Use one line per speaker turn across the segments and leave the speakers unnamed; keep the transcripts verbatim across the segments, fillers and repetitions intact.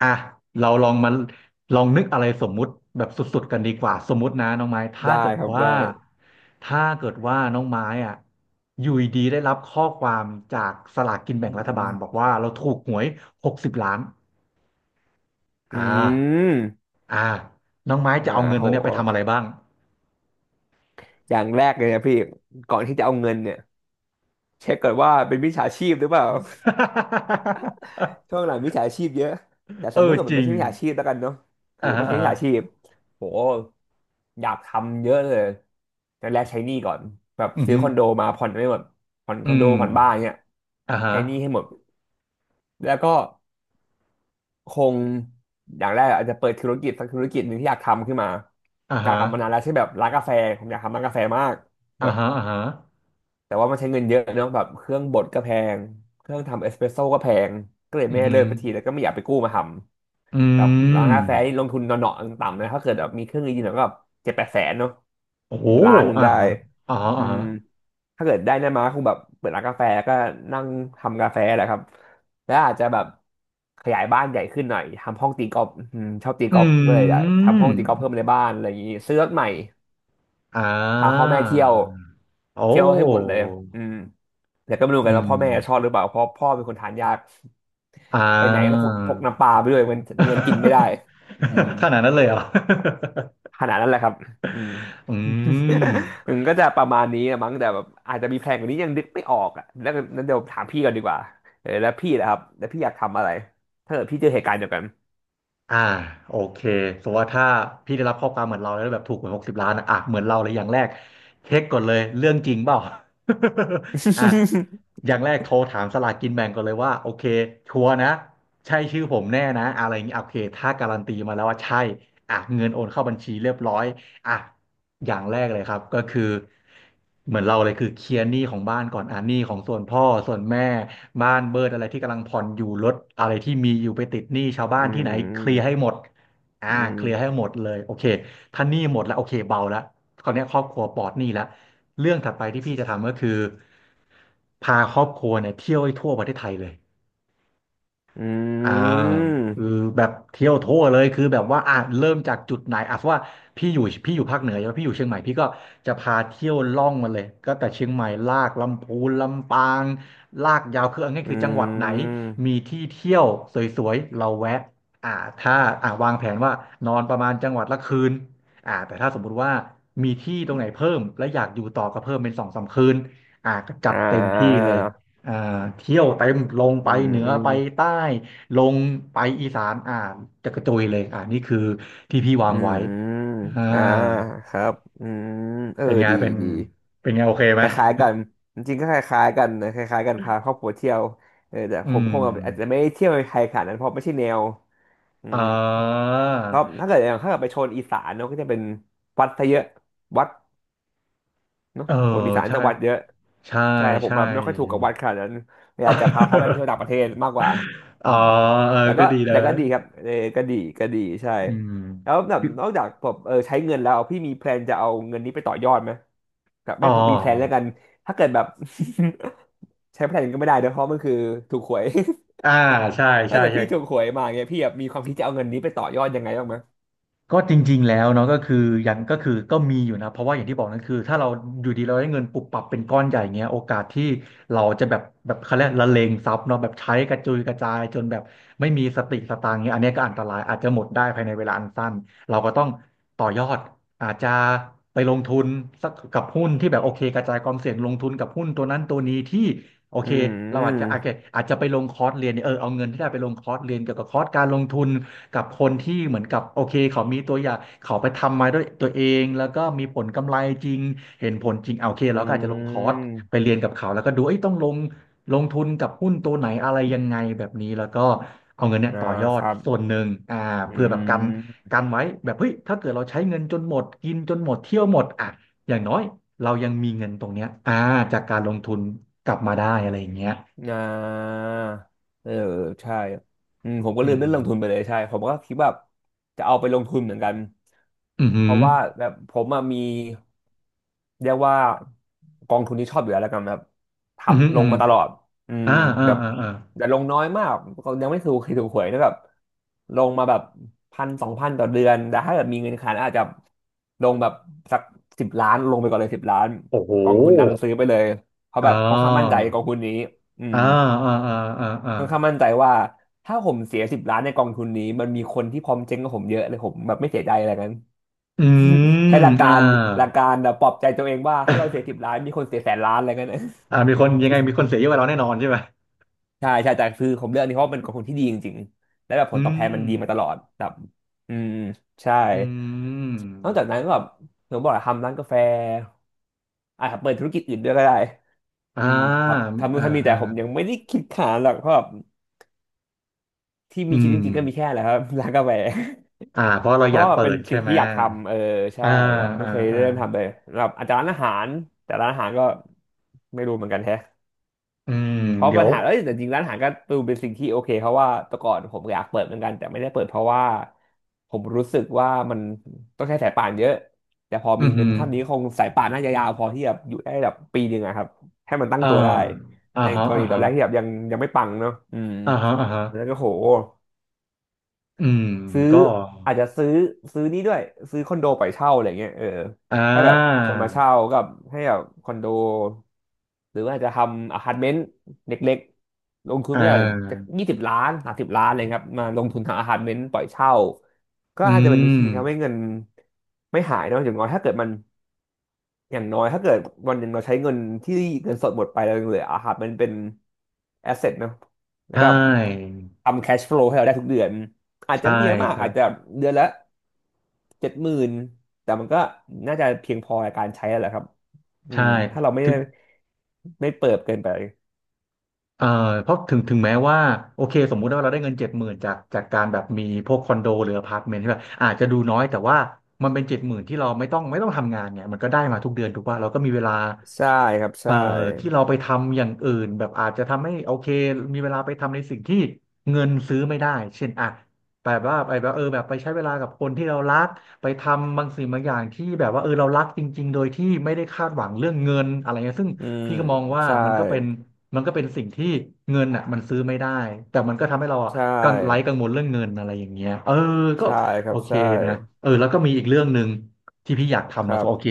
อ่ะเราลองมาลองนึกอะไรสมมุติแบบสุดๆกันดีกว่าสมมุตินะน้องไม้ถ้า
ได้
เกิด
ครับ
ว่า
ได้
ถ้าเกิดว่าน้องไม้อ่ะอยู่ดีๆได้รับข้อความจากสลากกินแบ่
อื
งรัฐบาลบอก
ม
ว่าเราถูกหวยหกสิบล้าน
อื
อ่า
ม
อ่าน้องไม้
อ่า
จะเอาเงินต
โห
รงเนี้ยไปทำอะไรบ้าง
อย่างแรกเลยนะพี่ ก่อนที่จะเอาเงินเนี่ยเช็คก่อนว่าเป็นมิจฉาชีพหรือเปล่า ช่วงหลังมิจฉาชีพเยอะแต่ส
เอ
มม
อ
ติว่าเกิด
จ
มัน
ริ
ไม่
ง
ใช่มิจฉาชีพแล้วกันเนาะถือ
อ่า
ว่า
ฮะ
ไม่ใช่
อ่า
มิจ
ฮะ
ฉาชีพโหอยากทำเยอะเลยแต่แรกใช้หนี้ก่อนแบบ
อือ
ซื้อ
ฮึ
คอนโดมาผ่อนไม่หมดผ่อน
อื
คอนโด
ม
ผ่อนบ้านเนี่ย
อ่าฮะ
ใช้หนี้ให้หมดแล้วก็ คงอย่างแรกอาจจะเปิดธุรกิจสักธุรกิจหนึ่งที่อยากทำขึ้นมา
อ่า
อยาก
ฮะ
ทำมานานแล้วใช่แบบร้านกาแฟผมอยากทำร้านกาแฟมาก
อ่า
แบบ
ฮะอ่าฮะ
แต่ว่ามันใช้เงินเยอะเนอะแบบเครื่องบดก็แพงเครื่องทำเอสเปรสโซ่ก็แพงก็เลย
อื
ไม่
อ
ได้
ฮึ
เริ่มมาทีแล้วก็ไม่อยากไปกู้มาท
อื
ำ แบบร้าน
ม
กาแฟนี่ลงทุนหน่อๆต่ำๆนะถ้าเกิดแบบมีเครื่องดงๆหน่อยก็แบบเจ็ดแปดแสนเนาะ
โอ้โห
ถึงล้านหนึ่ง
อ่า
ได้
ฮะอ่าฮะ
อื
อ่า
ม
ฮะ
ถ้าเกิดได้นะมาก็คงแบบเปิดร้านกาแฟแล้วก็นั่งทำกาแฟแหละครับแล้วอาจจะแบบขยายบ้านใหญ่ขึ้นหน่อยทำห้องตีกอล์ฟอืมชอบตี
อื
กอล์ฟก็เลยอยากทำห้องตีกอล์ฟเพิ่ม
ม
ในบ้านอะไรอย่างนี้ซื้อรถใหม่
อ่
พาพ่อ
า
แม่เที่ยว
โอ้
เที่ยวให้หมดเลยอืมแต่ก็ไม่รู้
อื
กันว่า
ม
พ่อแม่ชอบหรือเปล่าเพราะพ่อเป็นคนทานยาก
อ่า
ไปไหนก็ต้องพกพกน้ำปลาไปด้วยมันมีกันกินไม่ได้อืม
ขนาดนั้นเลยเหรอ
ขนาดนั้นแหละครับอืม
อื ม
มันก็จะประมาณนี้อะมั้งแต่แบบอาจจะมีแพลนกว่านี้ยังนึกไม่ออกอ่ะแล้วนั้นเดี๋ยวถามพี่ก่อนดีกว่าเออแล้วพี่นะครับแล้วพี่อยากทำอะไรถ้าเกิดพี่เจอเหตุการณ์เดียวกัน
อ่าโอเคสมมติว่าถ้าพี่ได้รับข้อความเหมือนเราแล้วแบบถูกหวยหกสิบล้านอะอ่ะเหมือนเราเลยอย่างแรกเช็คก่อนเลยเรื่องจริงเปล่า อ่ะ อย่างแรกโทรถามสลากกินแบ่งก่อนเลยว่าโอเคชัวร์นะใช่ชื่อผมแน่นะอะไรอย่างนี้โอเคถ้าการันตีมาแล้วว่าใช่อ่ะเงินโอนเข้าบัญชีเรียบร้อยอ่ะ อย่างแรกเลยครับก็คือเหมือนเราเลยคือเคลียร์หนี้ของบ้านก่อนอ่ะหนี้ของส่วนพ่อส่วนแม่บ้านเบิดอะไรที่กำลังผ่อนอยู่รถอะไรที่มีอยู่ไปติดหนี้ชาวบ้า
อื
นที่ไหนเคลียร์ให้
ม
หมดอ่า
อื
เคลียร์ให้
ม
หมดเลยโอเคถ้าหนี้หมดแล้วโอเคเบาแล้วคราวเนี้ยครอบครัวปลอดหนี้แล้วเรื่องถัดไปที่พี่จะทำก็คือพาครอบครัวเนี่ยเที่ยวให้ทั่วประเทศไทยเลย
อื
อ่า
ม
คือแบบเที่ยวทั่วเลยคือแบบว่าอ่ะเริ่มจากจุดไหนอ่ะเพราะว่าพี่อยู่พี่อยู่ภาคเหนือใช่ไหมพี่อยู่เชียงใหม่พี่ก็จะพาเที่ยวล่องมาเลยก็แต่เชียงใหม่ลากลำพูนลำปางลากยาวคือเอาง่าย
อื
คือจังหวัดไหน
ม
มีที่เที่ยวสวยๆเราแวะอ่าถ้าอ่าวางแผนว่านอนประมาณจังหวัดละคืนอ่าแต่ถ้าสมมุติว่ามีที่ตรงไหนเพิ่มและอยากอยู่ต่อก็เพิ่มเป็นสองสามคืนอ่าก็จั
อ่
ดเต็มที่เลย
า
อ่าเที่ยวเต็มลง
อื
ไป
ม
เหนือ
อืม
ไปใต้ ลงไปอีสานอ่าจะกระจุยเลยอ่านี่คือที่พี่วา
อื
งไว้
ม
อ่า
อ่าครับอืมเออ
เป็นไง
ดี
เป็น
ดี
เป็นไงโอเคไห
ค
ม
ล้ายๆกันจริงๆก็คล้ายๆกันนะคล้ายๆกันพาครอบครัวเที่ยวเออแต่
อื
ผม
ม
คงอาจจะไม่ได้เที่ยวในไทยขนาดนั้นเพราะไม่ใช่แนวอื
อ่
มครับ
า
ถ้าเกิดอย่างถ้าเกิดไปโซนอีสานเนาะก็จะเป็นวัดซะเยอะวัด เนาะ
เออ
โถดีสาร
ใช่
จังวัดเยอะ
ใช่
ใช่ผม
ใช่
แบบไม่ค่อยถูกกับวัดขนาดนั้นอยากจะพาเขาไปเที่ยวต่างประ เทศมากกว่า
อ๋
อื
อ
ม
เออ
แต่
ก็
ก็
ดีนะ
แต่ก็ดีครับเออก็ดีก็ดีใช่
อื
แล้ว
ม
แบบนอกจากแบบเออใช้เงินแล้วพี่มีแพลนจะเอาเงินนี้ไปต่อยอดไหมแบบ
อ๋
ไม่
อ
มีแพลนแล้วกันถ้าเกิดแบบ ใช้แพลนก็ไม่ได้เนอะเพราะมันคือถูกหวย
อ่าใช่
ถ้า
ใช่
เกิด
ใช่
พี่ถูกหวยมาเงียพี่แบบมีความคิดจะเอาเงินนี้ไปต่อยอดยังไงบ้างไหม
ก็จริงๆแล้วเนาะก็คือยังก็คือก็มีอยู่นะเพราะว่าอย่างที่บอกนั่นคือถ้าเราอยู่ดีเราได้เงินปุบปับเป็นก้อนใหญ่เงี้ยโอกาสที่เราจะแบบแบบเขาเรียกละเลงทรัพย์เนาะแบบใช้กระจุยกระจายจนแบบไม่มีสติสตางค์เงี้ยอันเนี้ยก็อันตรายอาจจะหมดได้ภายในเวลาอันสั้นเราก็ต้องต่อยอดอาจจะไปลงทุนสักกับหุ้นที่แบบโอเคกระจายความเสี่ยงลงทุนกับหุ้นตัวนั้นตัวนี้ที่โอ
อื
เคเราอาจจะโอ
ม
เคอาจจะไปลงคอร์สเรียนเนี่ยเออเอาเงินที่ได้ไปลงคอร์สเรียนเกี่ยวกับคอร์สการลงทุน กับคนที่เหมือนกับโอเคเขามีตัวอย่างเขาไปทำมาด้วยตัวเองแล้วก็มีผลกำไรจริงเห็นผลจริงเอาโอเค
อื
เราก็อาจจะลงคอร์สไป
ม
เรียนกับเขาแล้วก็ดูเอ้ยต้องลงลงทุนกับหุ้นตัวไหนอะไรยังไงแบบนี้แล้วก็เอาเงินเนี่ย
อ่า
ต่อยอ
ค
ด
รับ
ส่วนหนึ่งอ่า
อื
เพื่อแบบกัน
ม
กันไว้แบบเฮ้ยถ้าเกิดเราใช้เงินจนหมดกินจนหมดเที่ยวหมดอ่ะอย่างน้อยเรายังมีเงินตรงเนี้ยอ่าจากการลงทุนกลับมาได้อะไรอย่างเงี้ย
อ่าเออใช่อืมผมก็
อื
ลืมเรื่อ
ม
งลงทุนไปเลยใช่ผมก็คิดว่าจะเอาไปลงทุนเหมือนกัน
อืมอหื
เพ
ม
ราะว่าแบบผมอะมีเรียกว่ากองทุนที่ชอบอยู่แล้วแล้วกันแบบ
ออืมอหืมอ
ทำล
อื
ง
ม
มาตลอดอืม
อ่าอ่า
แบบ
อ่าอ่า
แต่ลงน้อยมากก็ยังไม่ถูกเคยถูกหวยนะแบบลงมาแบบพันสองพันต่อเดือนแต่ถ้าเกิดมีเงินขนาดนั้นอาจจะลงแบบสักสิบล้านลงไปก่อนเลยสิบล้าน
โอ้โห
กองทุนนั้นซื้อไปเลยเพราะ
อ่
แบบค่อนข้างมั่นใจ
า
กองทุนนี้ อื
อ่า
ม
อ่าอ่าอ่าอ่า
ค่อนข้างมั่นใจว่าถ้าผมเสียสิบล้านในกองทุนนี้มันมีคนที่พร้อมเจ๊งกับผมเยอะเลยผมแบบไม่เสียใจอะไรกัน
อื
ใช้
ม
หลัก
อ่
การหลัก
า
การแบบปลอบใจตัวเองว่าถ้าเราเสียสิบล้านมีคนเสียแสนล้านอะไรกันะ
อ่ามีคนยังไงมีคนเสียเยอะกว่าเราแน่นอนใช่ไหม
ใช่ใช่แต่คือผมเลือกอันนี้เพราะว่ามันกองทุนที่ดีจริงๆและแบบผ
อื
ลตอบ
ม
แทนมันดีมาตลอดแบบอืมใช่
อื
นอก
ม
จากนั้นก็แบบผมบอกอะทำร้านกาแฟอ่ะเปิดธุรกิจอื่นด้วยก็ได้
อ่า
อืมครับทำนู่
อ่า
นทำนี่แต่
ฮะ
ผมยังไม่ได้คิดขนาดหรอกเพราะแบบที่
อื
มีคิดจ
ม
ริงๆก็มีแค่แหละครับ ร้านกาแฟ
อ่าเพราะเรา
เพ
อ
ราะ
ยาก
ว่า
เปิ
เป็น
ดใช่
สิ่ง
ไหม
ที่อยากทำเออใช่
อ่า
แบบไม่
อ่า
เคย
อ่า
เริ่มทำเลยแบบอาจจะร้านอาหาร แต่ร้านอาหารก็ไม่รู้เหมือนกันแท้
อืม
เพราะ
เดี๋
ปั
ย
ญ
ว
หาเอ้ยแต่จริงร้านอาหารก็ดูเป็นสิ่งที่โอเคเพราะว่าแต่ก่อนผมอยากเปิดเหมือนกันแต่ไม่ได้เปิดเพราะว่าผมรู้สึกว่ามันต้องใช้สายป่านเยอะแต่พอ
อื
มี
มอหื
เงิน
อ
เท่านี้คงสายป่านน่าจะยาวพอที่แบบอยู่ได้แบบปีหนึ่งอะครับให้มันตั้ง
อ่า
ตัวได้
อ่า
ใน
ฮะ
กร
อ่า
ณีตอ
ฮะ
นแรกที่แบบยังยังไม่ปังเนาะอืม
อ่าฮะอ่าฮะ
แล้วก็โห
อืม
ซื้อ
ก็
อาจจะซื้อซื้อนี่ด้วยซื้อคอนโดปล่อยเช่าอะไรเงี้ยเออ
อ่า
ให้แบบคนมาเช่ากับให้แบบคอนโดหรือว่าจะทำอพาร์ตเมนต์เล็กๆลงทุน
อ่
ไม่ได้จะ
า
ยี่สิบล้านสามสิบล้านอะไรครับมาลงทุนทำอพาร์ตเมนต์ปล่อยเช่าก็
อื
อาจจะเป็นวิธี
ม
ททำให้เงินไม่หายเนอะอย่างน้อยถ้าเกิดมัน อย่างน้อยถ้าเกิดวันหนึ่งเราใช้เงินที่เงินสดหมดไปแล้วยังเหลืออะครับมันเป็นแอสเซทเนาะแล้ว
ใช่
ก็ทำแคชฟลูให้เราได้ทุกเดือนอาจจะ
ใช่
ไม่เยอะมาก
ครั
อาจ
บ
จะเดือนละเจ็ดหมื่นแต่มันก็น่าจะเพียงพอในการใช้แล้วแหละครับอื
ใช่
มถ้าเราไม่
ถึง
ไม่เปิดเกินไป
เอ่อเพราะถึงถึงแม้ว่าโอเคสมมุติว่าเราได้เงินเจ็ดหมื่นจากจากการแบบมีพวกคอนโดหรืออพาร์ตเมนต์ใช่ป่ะอาจจะดูน้อยแต่ว่ามันเป็นเจ็ดหมื่นที่เราไม่ต้องไม่ต้องทำงานไงมันก็ได้มาทุกเดือนถูกป่ะเราก็มีเวลา
ใช่ครับ
เอ่อ
ใช่
ที่เราไปทำอย่างอื่นแบบอาจจะทำให้โอเคมีเวลาไปทำในสิ่งที่เงินซื้อไม่ได้เช่นอ่ะแบบว่าไปแบบเออแบบไปใช้เวลากับคนที่เรารักไปทำบางสิ่งบางอย่างที่แบบว่าเออเรารักจริงๆโดยที่ไม่ได้คาดหวังเรื่องเงินอะไรเงี้ยซึ่ง
อืม
พี่ก็มองว่า
ใช่
มันก็เป็น มันก็เป็นสิ่งที่เงินอ่ะมันซื้อไม่ได้แต่มันก็ทำให้เราอ่ะ
ใช่
กังไร้กังวลเรื่องเงินอะไรอย่างเงี้ยเออก็
ใช่ค
โอ
รับ
เค
ใช่
นะเออแล้วก็มีอีกเรื่องหนึ่งที่พี่อยาก
ค
ทำนะ
รั
โอเค
บ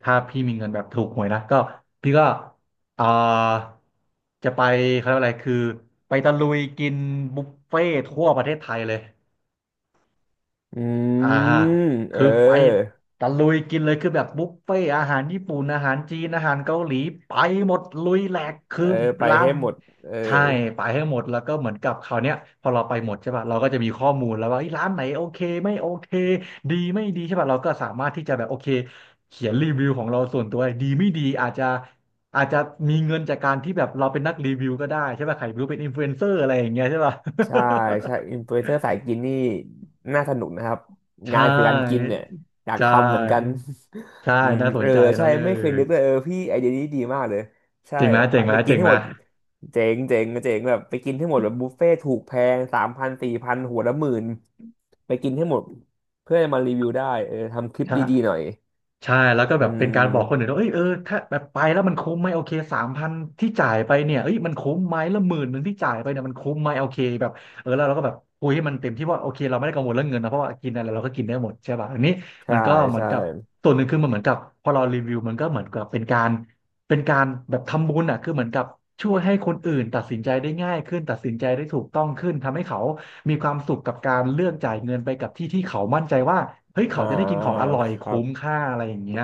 ถ้าพี่มีเงินแบบถูกหวยนะก็พี่ก็อ่าจะไปเขาเรียกว่าอะไรคือไปตะลุยกินบุฟเฟ่ทั่วประเทศไทยเลย
อื
อ่า
มเอ
คือไป
อ
ตะลุยกินเลยคือแบบบุฟเฟ่ต์อาหารญี่ปุ่นอาหารจีนอาหารเกาหลีไปหมดลุยแหลกคือ
เออไป
ลา
ให้
ม
หมดเออ
ใช่ไปให้หมดแล้วก็เหมือนกับคราวเนี้ยพอเราไปหมดใช่ป่ะเราก็จะมีข้อมูลแล้วว่าเอ้ยร้านไหนโอเคไม่โอเคดีไม่ดีใช่ป่ะเราก็สามารถที่จะแบบโอเคเขียนรีวิวของเราส่วนตัวดีไม่ดีอาจจะอาจจะมีเงินจากการที่แบบเราเป็นนักรีวิวก็ได้ใช่ป่ะใครไม่รู้เป็นอินฟลูเอนเซอร์อะไรอย่างเงี้ยใช่ป่ะ
ใช่ใช่ อินฟลูเอนเซอร์สายกินนี่น่าสนุกนะครับ
ใช่
งานคือการกินเนี่ยอยาก
ใช่
ทำเหมือนกัน
ใช่
อืม
น่าส
เอ
น
อ
ใจเน
ใช่
อะเล
ไม่
ย
เคยนึกเลยเออพี่ไอเดียนี้ดีมากเลยใช่
เจ๋งไหมเจ๋
พา
งไหม
ไปกิ
เจ๋
น
ง
ให้
ไหม
หมดเจ๋งเจ๋งเจ๋งแบบไปกินให้หมดแบบบุฟเฟ่ถูกแพงสามพันสี่พันหัวละหมื่นไปกินให้หมดเพื่อจะมารีวิวได้เออทำคลิป
ใช่
ดีๆหน่อย
ใช่แล้วก็
อื
แบบเป็นการบอกคนอื่
ม
นว่าเอ้ยเออถ้าแบบไปแล้วมันคุ้มไหมโอเคสามพันที่จ่ายไปเนี่ยเอ้ยมันคุ้มไหมแล้วหมื่นหนึ่งที่จ่ายไปเนี่ยมันคุ้มไหมโอเคแบบเออแล้วเราก็แบบคุยให้มันเต็มที่ว่าโอเคเราไม่ได้กังวลเรื่องเงินนะเพราะว่ากินอะไรเราก็กินได้หมดใช่ป่ะอันนี้มั
ใช่
นก็เหมือน
ใช่
กับส่วนหนึ่งคือมันเหมือนกับพอเรารีวิวมันก็เหมือนกับเป็นการเป็นการแบบทำบุญอ่ะคือเหมือนกับช่วยให้คนอื่นตัดสินใจได้ง่ายขึ้นตัดสินใจได้ถูกต้องขึ้นทำให้เขา มีความสุขกับการเลือกจ่ายเงินไปกับที่ที่เขามั่นใจว่า เฮ้ย
อ
เขาจะได้กินข
่า
องอร่อย
ครั
คุ้ม
บ
ค่าอะไรอย่างเงี้ย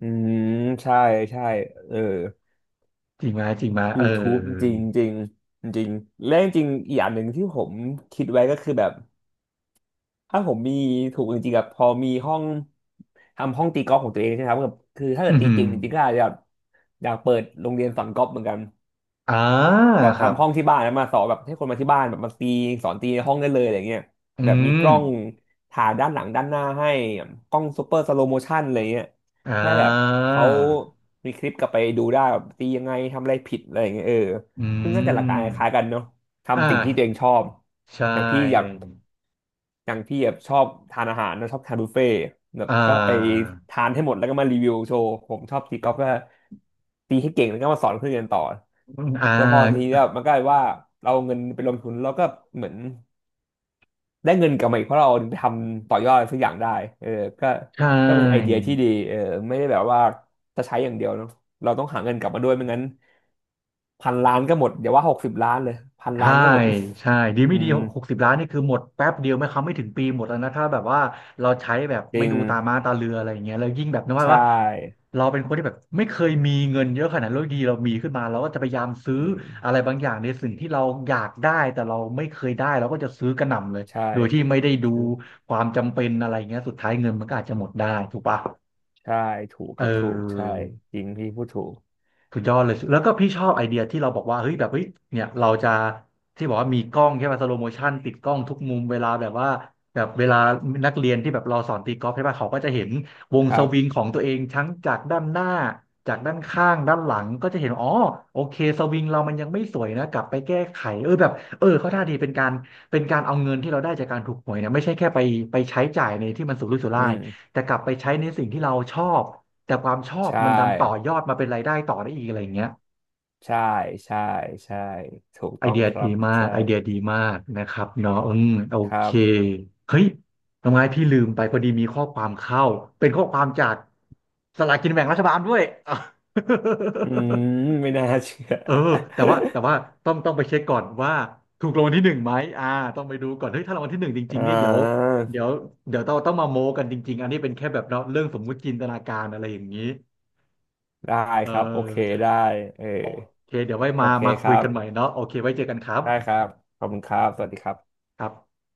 อืมใช่ใช่เออ
จริงไหมจริงไหมเอ
ยูทูบ จริ
อ
งจริงจริงและจริงอีกอย่างหนึ่งที่ผมคิดไว้ก็คือแบบถ้าผมมีถูกจริงๆกับพอมีห้องทำห้องตีกอล์ฟของตัวเองใช่ไหมครับแบบคือถ้า
อื
เกิด
มอ
ตี
หือ
เก่งจริงๆก็อาจจะแบบอยากเปิดโรงเรียนสอนกอล์ฟเหมือนกัน
อ่า
แบบ
ครับ
ทำห้องที่บ้านแล้วมาสอนแบบให้คนมาที่บ้านแบบมาตีสอนตีในห้องได้เลยอะไรเงี้ย
อื
แบบมี
ม
กล้องถ่ายด้านหลังด้านหน้าให้กล้องซูเปอร์สโลโมชันอะไรเงี้ย
อ่
เพื่อให้แบบ
า
เขามีคลิปกลับไปดูได้แบบตียังไงทำอะไรผิดอะไรอย่างเงี้ยเออ
อื
ซึ่งน่าจะหลักการคล้ายๆกัน
ม
เนาะ
อ่
ทำสิ่งที่ตัวเอง
า
ชอบ
ใช่
อย่างพี่อยาก อย่างพี่แบบชอบทานอาหารนะชอบทานบุฟเฟ่ต์แบบ
อ่
ก็ไป
า
ทานให้หมดแล้วก็มารีวิวโชว์ผมชอบตีกอล์ฟก็ตีให้เก่งแล้วก็มาสอนเพื่อนเรียนต่อ
อ่า
แล้วพอทีนี้มันก็เลยว่าเราเอาเงินไปลงทุนแล้วก็เหมือนได้เงินกลับมาอีกเพราะเราเอาไปทำต่อยอดอะไรสักอย่างได้เออก็
ใช่
ก็เป็นไอเดียที่ดีเออไม่ได้แบบว่าจะใช้อย่างเดียวเนาะเราต้องหาเงินกลับมาด้วยไม่งั้นพันล้านก็หมดอย่าว่าหกสิบล้านเลยพันล้า
ใช่
นก็หมด
ใช่ดี
อื
ไม่ดี
ม
หกสิบล้านนี่คือหมดแป๊บเดียวไม่คำไม่ถึงปีหมดแล้วนะถ้าแบบว่าเราใช้แบบ
จ
ไม่
ริง
ดูตาม้าตาเรืออะไรอย่างเงี้ยแล้วยิ่งแบบนึก
ใช
ว่าว่า
่
เราเป็นคนที่แบบไม่เคยมีเงินเยอะขนาดนั้นแล้วอยู่ดีเรามีขึ้นมาเราก็จะพยายามซื้อ
อืม
อะไรบางอย่างในสิ่งที่เราอยากได้แต่เราไม่เคยได้เราก็จะซื้อกระหน่ำเลย
ใช่
โดยที่ไม่ได้ดู
ถูก
ความจำเป็นอะไรเงี้ยสุดท้ายเงินมันก็อาจจะหมดได้ถูกปะ
ใช่ถูกค
เอ
รับถูกใช่
อ
จริงพี่พูดถูก
สุดยอดเลยแล้วก็พี่ชอบไอเดียที่เราบอกว่าเฮ้ยแบบเฮ้ยเนี่ยเราจะที่บอกว่ามีกล้องใช่ไหมสโลโมชันติดกล้องทุกมุมเวลาแบบว่าแบบเวลานักเรียนที่แบบเราสอนตีกอล์ฟใช่ป่ะเขาก็จะเห็นวง
ค
ส
รับ
วิงของตัวเองทั้งจากด้านหน้าจากด้านข้างด้านหลังก็จะเห็นอ๋อโอเคสวิงเรามันยังไม่สวยนะกลับไปแก้ไขเออแบบเออเขาท่าดีเป็นการเป็นการเอาเงินที่เราได้จากการถูกหวยเนี่ยไม่ใช่แค่ไปไปใช้จ่ายในที่มันสุรุ่ยสุ
อื
ร่าย
ม
แต่กลับไปใช้ในสิ่งที่เราชอบ แต่ความชอ
ใช
บมันดันต่อ
่
ยอดมาเป็นรายได้ต่อได้อีกอะไรอย่างเงี้ย
ใช่ใช่ใช่ ถูก
ไอ
ต้อง
เดีย
ครั
ดี
บ
มาก
ใช่
ไอเดียดีมากนะครับเนาะอืมโอ
ครั
เค
บ
เฮ้ยทำไมพี่ลืมไปพอดีมีข้อความเข้าเป็นข้อความจากสลากกินแบ่งรัฐบาลด้วย อ่ะ
อืม ไม่น่าเชื่อ
เออแต่ว่าแต่ว่าต้องต้องไปเช็คก่อนว่าถูกรางวัลที่หนึ่งไหมอ่าต้องไปดูก่อนเฮ้ยถ้ารางวัลที่หนึ่งจ ริ
อ่
งๆเนี่ยเดี๋ยว
า
เดี๋ยวเดี๋ยวต้องต้องมาโม้กันจริงๆอันนี้เป็นแค่แบบเนาะเรื่องสมมุติจินตนาการอะไรอย่างนี้
ได้
เออ
ครับโอเคได้เออ
โอเคเดี๋ยวไว้
โอ
มา
เค
มา
ค
คุย
รับ
กันใหม่เนาะโอเคไว้เจอกันครับ
ได้ครับขอบคุณครับ สวัสดีครับ
ครับ